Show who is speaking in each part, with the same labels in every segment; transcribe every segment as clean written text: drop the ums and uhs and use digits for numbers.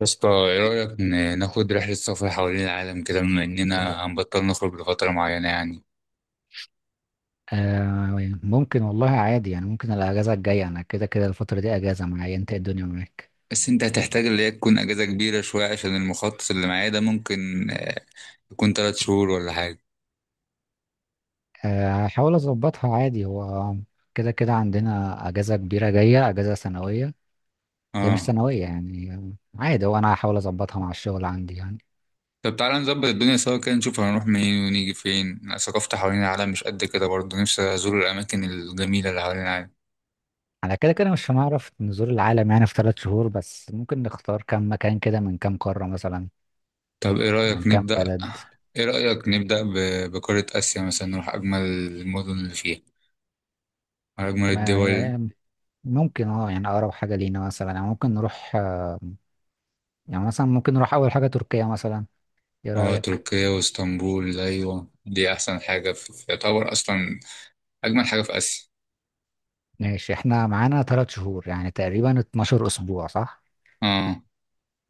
Speaker 1: يا اسطى، ايه رأيك ناخد رحلة سفر حوالين العالم كده، بما اننا هنبطل نخرج لفترة معينة يعني؟
Speaker 2: آه، ممكن والله، عادي يعني. ممكن الاجازه الجايه، انا كده كده الفتره دي اجازه معايا. انت إيه الدنيا معاك؟
Speaker 1: بس انت هتحتاج اللي هي تكون اجازة كبيرة شوية، عشان المخطط اللي معايا ده ممكن يكون 3 شهور ولا حاجة.
Speaker 2: آه، هحاول اظبطها عادي، هو كده كده عندنا اجازه كبيره جايه، اجازه سنويه. هي مش
Speaker 1: اه،
Speaker 2: سنويه يعني، عادي، هو انا هحاول اظبطها مع الشغل عندي يعني.
Speaker 1: طب تعالى نظبط الدنيا سوا كده، نشوف هنروح منين ونيجي فين. أنا ثقافتي حوالين العالم مش قد كده برضه، نفسي ازور الاماكن الجميلة اللي حوالين العالم.
Speaker 2: على كده كده مش هنعرف نزور العالم يعني في ثلاث شهور، بس ممكن نختار كم مكان كده من كم قاره مثلا.
Speaker 1: طب
Speaker 2: يعني كم بلد.
Speaker 1: ايه رأيك نبدأ بقارة اسيا مثلا، نروح اجمل المدن اللي فيها، أجمل
Speaker 2: ما
Speaker 1: الدول.
Speaker 2: يعني ممكن، يعني اقرب حاجه لينا مثلا، يعني ممكن نروح. يعني مثلا ممكن نروح اول حاجه تركيا مثلا. ايه
Speaker 1: اه،
Speaker 2: رايك؟
Speaker 1: تركيا واسطنبول، ايوه دي احسن حاجه يعتبر اصلا اجمل حاجه في اسيا.
Speaker 2: ماشي، احنا معانا ثلاث شهور، يعني تقريبا 12 اسبوع صح؟
Speaker 1: اه،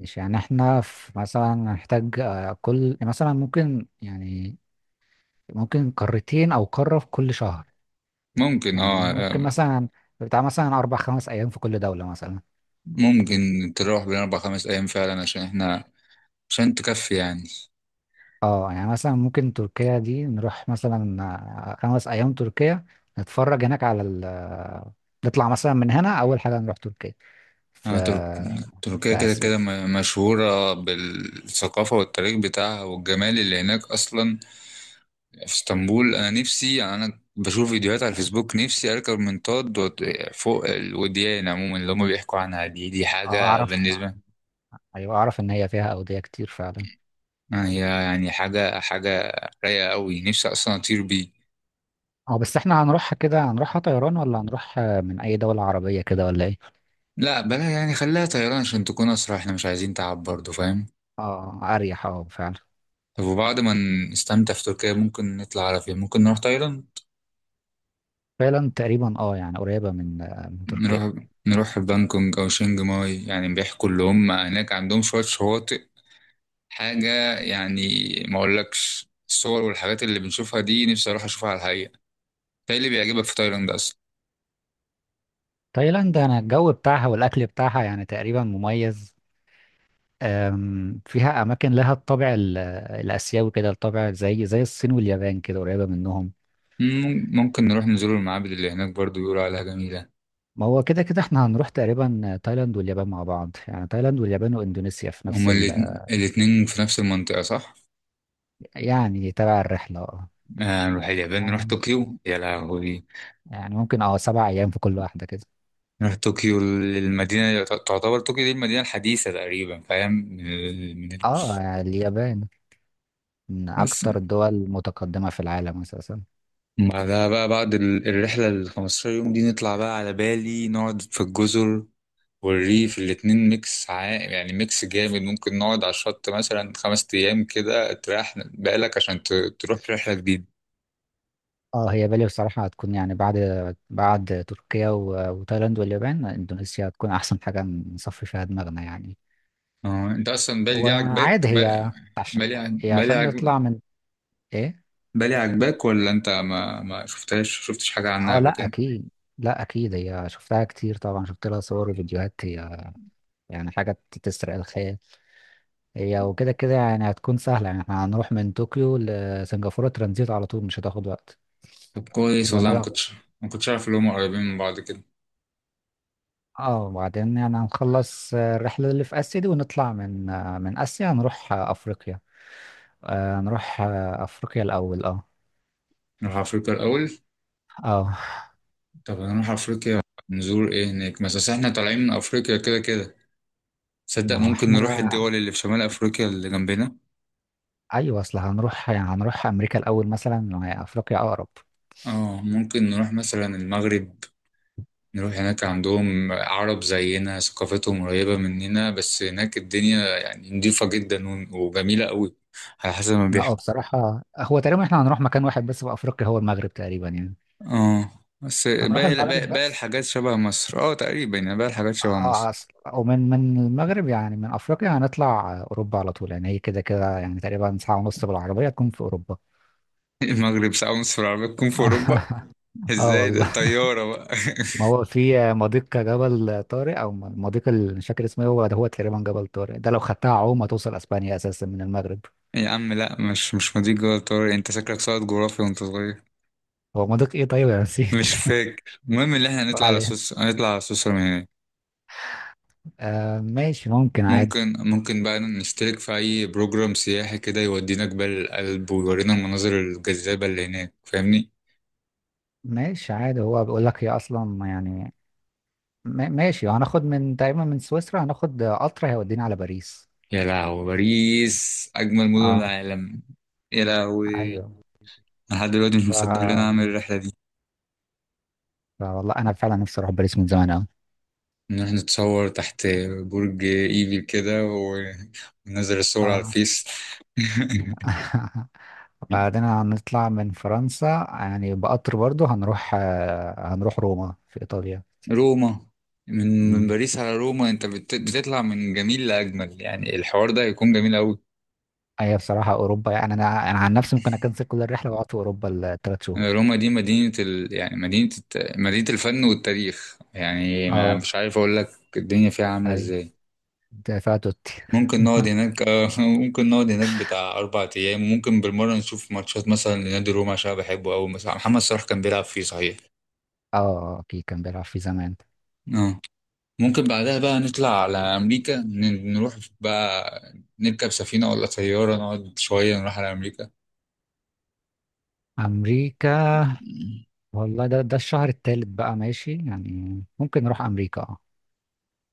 Speaker 2: مش يعني احنا في مثلا هنحتاج، كل مثلا ممكن يعني، ممكن قارتين او قارة في كل شهر.
Speaker 1: ممكن.
Speaker 2: يعني ممكن مثلا بتاع مثلا اربع خمس ايام في كل دولة مثلا.
Speaker 1: ممكن تروح بين اربع خمس ايام فعلا، عشان تكفي يعني.
Speaker 2: اه يعني مثلا ممكن تركيا دي نروح مثلا، خمس ايام تركيا، نتفرج هناك على ال نطلع مثلا من هنا اول حاجة نروح تركيا في
Speaker 1: اه، تركيا
Speaker 2: في
Speaker 1: كده
Speaker 2: اسيا.
Speaker 1: كده مشهوره بالثقافه والتاريخ بتاعها والجمال اللي هناك اصلا. في اسطنبول انا نفسي، يعني انا بشوف فيديوهات على الفيسبوك، نفسي اركب منطاد فوق الوديان، عموما اللي هم بيحكوا عنها دي
Speaker 2: اه،
Speaker 1: حاجه
Speaker 2: اعرف.
Speaker 1: بالنسبه.
Speaker 2: ايوه اعرف ان هي فيها اودية كتير فعلا.
Speaker 1: هي يعني حاجة رايقة قوي، نفسي أصلا أطير بيه.
Speaker 2: اه، بس احنا هنروحها كده، هنروحها طيران ولا هنروح من اي دولة عربية كده ولا ايه؟
Speaker 1: لا بلا يعني، خليها طيران عشان تكون أسرع، احنا مش عايزين تعب برضه، فاهم؟
Speaker 2: اه، اريح، اه فعلا.
Speaker 1: طب وبعد ما نستمتع في تركيا، ممكن نطلع على فين؟ ممكن نروح تايلاند.
Speaker 2: تايلاند تقريبا، يعني قريبة من تركيا.
Speaker 1: نروح بانكونج أو شينج ماي، يعني بيحكوا اللي هم هناك عندهم شوية شواطئ حاجة يعني. ما أقولكش الصور والحاجات اللي بنشوفها دي، نفسي أروح أشوفها على الحقيقة. ده اللي بيعجبك في تايلاند أصلا؟
Speaker 2: تايلاند، انا الجو بتاعها والاكل بتاعها يعني تقريبا مميز. فيها اماكن لها الطابع الاسيوي كده، الطابع زي الصين واليابان كده، قريبة منهم.
Speaker 1: ممكن نروح نزور المعابد اللي هناك، برضه بيقولوا عليها جميلة.
Speaker 2: ما هو كده كده احنا هنروح تقريبا تايلاند واليابان مع بعض، يعني تايلاند واليابان واندونيسيا في نفس
Speaker 1: هما
Speaker 2: ال.
Speaker 1: الاتنين في نفس المنطقة، صح؟
Speaker 2: يعني تبع الرحلة اه.
Speaker 1: نروح اليابان، نروح
Speaker 2: يعني،
Speaker 1: طوكيو، يا لهوي.
Speaker 2: يعني ممكن، سبع ايام في كل واحدة كده.
Speaker 1: نروح طوكيو المدينة، تعتبر طوكيو دي المدينة الحديثة تقريبا، فاهم؟
Speaker 2: اه، اليابان من
Speaker 1: بس
Speaker 2: اكتر الدول متقدمة في العالم اساسا.
Speaker 1: بعدها بقى، بعد الرحلة ال 15 يوم دي، نطلع بقى على بالي نقعد في الجزر والريف، الاتنين ميكس عائم، يعني ميكس جامد. ممكن نقعد على الشط مثلا 5 أيام كده تريح بالك عشان تروح في رحلة جديدة.
Speaker 2: اه، هي بالي بصراحة هتكون يعني، بعد تركيا وتايلاند واليابان اندونيسيا هتكون احسن حاجة نصفي فيها دماغنا يعني.
Speaker 1: اه، انت اصلا بالي دي عاجباك،
Speaker 2: وعادي هي، هي
Speaker 1: بالي
Speaker 2: عشان
Speaker 1: عاجباك.
Speaker 2: نطلع من، ايه.
Speaker 1: بالي عجباك، ولا انت ما شفتش حاجة عنها
Speaker 2: اه،
Speaker 1: قبل
Speaker 2: لا
Speaker 1: كده؟
Speaker 2: اكيد. لا اكيد، هي شفتها كتير طبعا، شفت لها صور وفيديوهات، هي يعني حاجة تسرق الخيال. هي وكده كده يعني هتكون سهلة، يعني احنا هنروح من طوكيو لسنغافورة ترانزيت على طول، مش هتاخد وقت.
Speaker 1: طب كويس والله، ما كنتش عارف اللي هم قريبين من بعض كده.
Speaker 2: اه، وبعدين يعني هنخلص الرحلة اللي في آسيا دي، ونطلع من آسيا، نروح أفريقيا. نروح أفريقيا الأول، اه.
Speaker 1: نروح افريقيا الاول.
Speaker 2: اه،
Speaker 1: طب هنروح افريقيا نزور ايه هناك؟ بس أصل احنا طالعين من افريقيا كده كده، تصدق
Speaker 2: ما هو
Speaker 1: ممكن نروح
Speaker 2: احنا،
Speaker 1: الدول اللي في شمال افريقيا اللي جنبنا.
Speaker 2: أيوة أصل هنروح، يعني هنروح أمريكا الأول مثلا، وهي أفريقيا أقرب.
Speaker 1: اه، ممكن نروح مثلا المغرب. نروح هناك، عندهم عرب زينا، ثقافتهم قريبة مننا، بس هناك الدنيا يعني نضيفة جدا وجميلة قوي، على حسب ما
Speaker 2: لا،
Speaker 1: بيحكوا.
Speaker 2: بصراحة هو تقريبا احنا هنروح مكان واحد بس في أفريقيا، هو المغرب تقريبا يعني.
Speaker 1: اه، بس
Speaker 2: هنروح المغرب
Speaker 1: باقي
Speaker 2: بس.
Speaker 1: الحاجات شبه مصر، اه تقريبا، يعني باقي الحاجات شبه مصر.
Speaker 2: اه، أصل ومن المغرب يعني، من أفريقيا هنطلع أوروبا على طول، يعني هي كده كده يعني تقريبا ساعة ونص بالعربية تكون في أوروبا.
Speaker 1: المغرب ساعة ونص في العربية تكون في أوروبا؟
Speaker 2: اه
Speaker 1: ازاي ده؟
Speaker 2: والله،
Speaker 1: الطيارة بقى!
Speaker 2: ما هو في مضيق جبل طارق او مضيق مش فاكر اسمه إيه، هو ده هو تقريبا جبل طارق ده، لو خدتها عوم هتوصل اسبانيا اساسا من المغرب.
Speaker 1: يا عم لا، مش مضيق جوه الطيارة يعني، انت شكلك ساقط جغرافيا وانت صغير.
Speaker 2: هو مضيق ايه طيب، انا نسيت.
Speaker 1: مش فاكر المهم، اللي احنا نطلع على
Speaker 2: عليه.
Speaker 1: سويسرا، هنطلع على سويسرا من هناك.
Speaker 2: آه، ماشي، ممكن عادي.
Speaker 1: ممكن بقى نشترك في أي بروجرام سياحي كده يودينا جبال الألب ويورينا المناظر الجذابة اللي هناك، فاهمني؟
Speaker 2: ماشي، عادي، هو بيقول لك هي اصلا يعني، ماشي، هناخد من تقريبا من سويسرا، هناخد قطر هيودينا على باريس.
Speaker 1: يا لهوي، باريس أجمل مدن
Speaker 2: اه،
Speaker 1: العالم. يا لهوي،
Speaker 2: ايوه.
Speaker 1: أنا لحد دلوقتي مش
Speaker 2: ف...
Speaker 1: مصدق إن أنا أعمل الرحلة دي.
Speaker 2: فوالله انا فعلا نفسي اروح باريس من زمان قوي.
Speaker 1: نروح نتصور تحت برج ايفل كده وننزل الصور على
Speaker 2: اه.
Speaker 1: الفيس.
Speaker 2: بعدين هنطلع من فرنسا يعني بقطر برضو، هنروح روما في إيطاليا.
Speaker 1: روما! من
Speaker 2: مم.
Speaker 1: باريس على روما، أنت بتطلع من جميل لأجمل، يعني الحوار ده هيكون جميل أوي.
Speaker 2: هي بصراحة أوروبا يعني، أنا عن نفسي ممكن أكنسل كل الرحلة وأقعد في أوروبا الثلاث شهور.
Speaker 1: روما دي يعني مدينة الفن والتاريخ، يعني ما
Speaker 2: أه،
Speaker 1: مش عارف أقول لك الدنيا فيها عاملة
Speaker 2: أي،
Speaker 1: إزاي.
Speaker 2: دافع توتي.
Speaker 1: ممكن نقعد هناك ممكن نقعد هناك بتاع 4 أيام، وممكن بالمرة نشوف ماتشات مثلا لنادي روما عشان أنا بحبه أوي، مثلا محمد صلاح كان بيلعب فيه صحيح.
Speaker 2: أه، أكيد كان بيلعب في زمان.
Speaker 1: اه، ممكن بعدها بقى نطلع على أمريكا، نروح بقى نركب سفينة ولا طيارة، نقعد شوية نروح على أمريكا.
Speaker 2: أمريكا، والله ده الشهر الثالث بقى، ماشي يعني ممكن نروح أمريكا أه.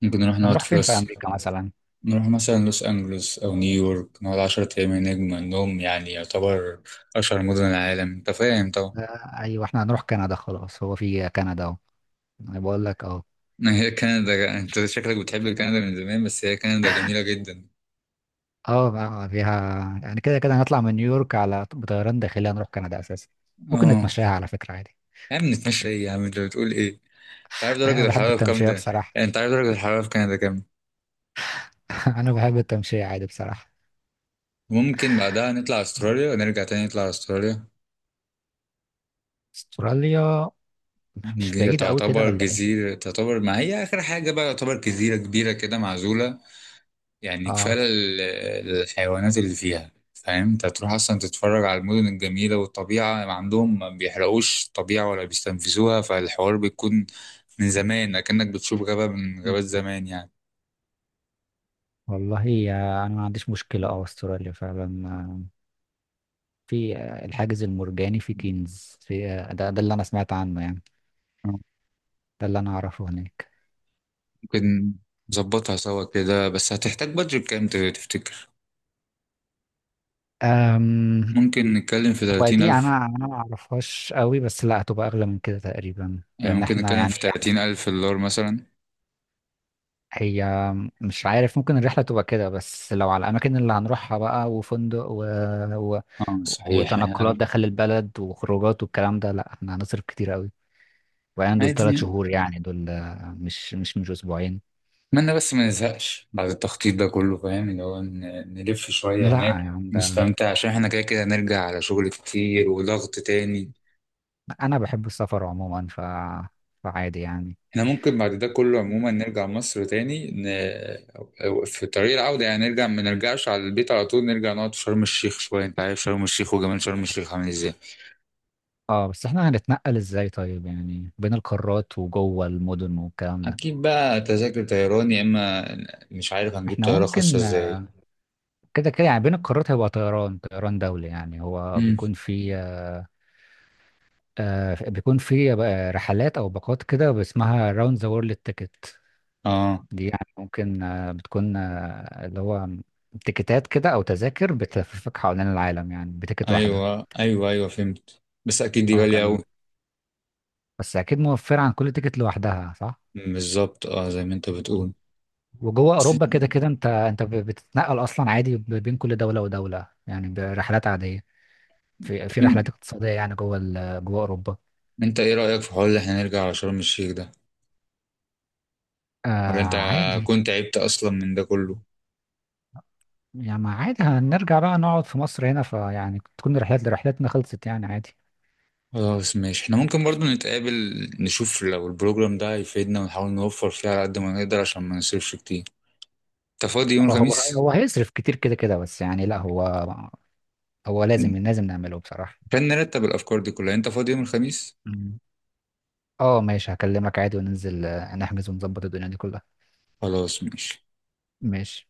Speaker 1: ممكن نروح نقعد
Speaker 2: هنروح
Speaker 1: في
Speaker 2: فين في
Speaker 1: لوس،
Speaker 2: أمريكا مثلا؟
Speaker 1: نروح مثلا لوس أنجلوس أو نيويورك، نقعد 10 أيام هناك، بما إنهم يعني يعتبر أشهر مدن العالم، أنت فاهم طبعا.
Speaker 2: أيوة إحنا هنروح كندا خلاص، هو في كندا أهو، أنا بقول لك.
Speaker 1: ما هي كندا، انت شكلك بتحب كندا من زمان، بس هي كندا جميلة جدا.
Speaker 2: اه، بقى فيها يعني كده كده هنطلع من نيويورك على بطيران داخلي هنروح كندا اساسا. ممكن
Speaker 1: اه،
Speaker 2: نتمشاها على فكرة عادي.
Speaker 1: يا عم نتمشى ايه، يا عم انت بتقول ايه؟ انت عارف
Speaker 2: انا
Speaker 1: درجة
Speaker 2: بحب
Speaker 1: الحرارة بكام
Speaker 2: التمشية
Speaker 1: ده؟
Speaker 2: بصراحة.
Speaker 1: يعني انت عارف درجة الحرارة في كندا كام؟
Speaker 2: انا بحب التمشية عادي بصراحة.
Speaker 1: ممكن بعدها نطلع استراليا، ونرجع تاني نطلع استراليا.
Speaker 2: استراليا مش
Speaker 1: هي
Speaker 2: بعيدة قوي كده
Speaker 1: تعتبر
Speaker 2: ولا ايه؟
Speaker 1: جزيرة، تعتبر ما هي آخر حاجة بقى، تعتبر جزيرة كبيرة كده معزولة. يعني كفاية
Speaker 2: اه
Speaker 1: الحيوانات اللي فيها، فاهم انت هتروح اصلا تتفرج على المدن الجميلة والطبيعة، ما عندهم ما بيحرقوش الطبيعة ولا بيستنفذوها، فالحوار بيكون من زمان كأنك بتشوف غابة من غابات زمان يعني.
Speaker 2: والله، انا ما عنديش مشكلة. اه، استراليا فعلا في الحاجز المرجاني في كينز، في ده اللي انا سمعت عنه يعني، ده اللي انا اعرفه هناك.
Speaker 1: ممكن نظبطها سوا كده، بس هتحتاج بادجت كام تفتكر؟
Speaker 2: أم.
Speaker 1: ممكن نتكلم في
Speaker 2: هو
Speaker 1: تلاتين
Speaker 2: دي
Speaker 1: ألف
Speaker 2: انا ما اعرفهاش قوي، بس لا هتبقى اغلى من كده تقريبا
Speaker 1: يعني
Speaker 2: لان
Speaker 1: ممكن
Speaker 2: احنا
Speaker 1: نتكلم
Speaker 2: يعني،
Speaker 1: في 30,000 دولار مثلا.
Speaker 2: هي مش عارف، ممكن الرحلة تبقى كده بس لو على الأماكن اللي هنروحها بقى وفندق و...
Speaker 1: اه صحيح
Speaker 2: وتنقلات
Speaker 1: يعني،
Speaker 2: داخل البلد وخروجات والكلام ده، لا احنا هنصرف كتير قوي. وبعدين دول
Speaker 1: عادي
Speaker 2: ثلاث
Speaker 1: يعني.
Speaker 2: شهور يعني، دول مش أسبوعين.
Speaker 1: أتمنى بس ما نزهقش بعد التخطيط ده كله، فاهم اللي هو نلف شوية
Speaker 2: لا
Speaker 1: هناك،
Speaker 2: يعني ده،
Speaker 1: نستمتع عشان احنا كده كده هنرجع على شغل كتير وضغط تاني.
Speaker 2: أنا بحب السفر عموما فعادي يعني.
Speaker 1: احنا ممكن بعد ده كله عموما نرجع مصر تاني، في طريق العودة يعني نرجع، ما نرجعش على البيت على طول، نرجع نقعد في شرم الشيخ شوية، انت عارف شرم الشيخ وجمال شرم الشيخ عامل ازاي.
Speaker 2: اه، بس احنا هنتنقل ازاي طيب، يعني بين القارات وجوه المدن والكلام ده؟
Speaker 1: اكيد بقى تذاكر طيران، يا اما مش عارف هنجيب
Speaker 2: احنا
Speaker 1: طياره خاصه
Speaker 2: ممكن
Speaker 1: ازاي.
Speaker 2: كده كده يعني بين القارات هيبقى طيران، طيران دولي يعني. هو
Speaker 1: امم
Speaker 2: بيكون فيه بيكون في بقى رحلات او باقات كده اسمها راوند ذا وورلد تيكت.
Speaker 1: اه،
Speaker 2: دي يعني ممكن، بتكون اللي هو تيكتات كده او تذاكر بتلففك حوالين العالم، يعني بتيكت واحده.
Speaker 1: ايوه ايوه ايوه فهمت، بس اكيد دي
Speaker 2: اه
Speaker 1: غاليه قوي.
Speaker 2: كان، بس اكيد موفر عن كل تيكت لوحدها صح.
Speaker 1: بالظبط، اه زي ما انت
Speaker 2: آه.
Speaker 1: بتقول.
Speaker 2: وجوه
Speaker 1: بس
Speaker 2: اوروبا كده كده، انت بتتنقل اصلا عادي بين كل دوله ودوله يعني برحلات عاديه. في
Speaker 1: طب،
Speaker 2: في رحلات اقتصاديه يعني جوه جوه اوروبا.
Speaker 1: انت ايه رايك في حوار ان احنا نرجع على شرم الشيخ ده،
Speaker 2: آه،
Speaker 1: ولا انت
Speaker 2: عادي
Speaker 1: كنت عبت اصلا من ده كله؟
Speaker 2: يعني. ما، عادي، هنرجع بقى نقعد في مصر هنا، فيعني تكون رحلات، رحلاتنا خلصت يعني عادي.
Speaker 1: خلاص ماشي، احنا ممكن برضو نتقابل، نشوف لو البروجرام ده هيفيدنا، ونحاول نوفر فيه على قد ما نقدر عشان ما نصرفش كتير. انت فاضي يوم
Speaker 2: هو هو اه
Speaker 1: الخميس؟
Speaker 2: هو هيصرف كتير كده كده، بس يعني لا، هو هو لازم نعمله بصراحة.
Speaker 1: عشان نرتب الافكار دي كلها. انت فاضي يوم الخميس؟
Speaker 2: مم. اه، ماشي، هكلمك عادي وننزل نحجز ونظبط الدنيا دي كلها.
Speaker 1: خلاص ماشي.
Speaker 2: ماشي.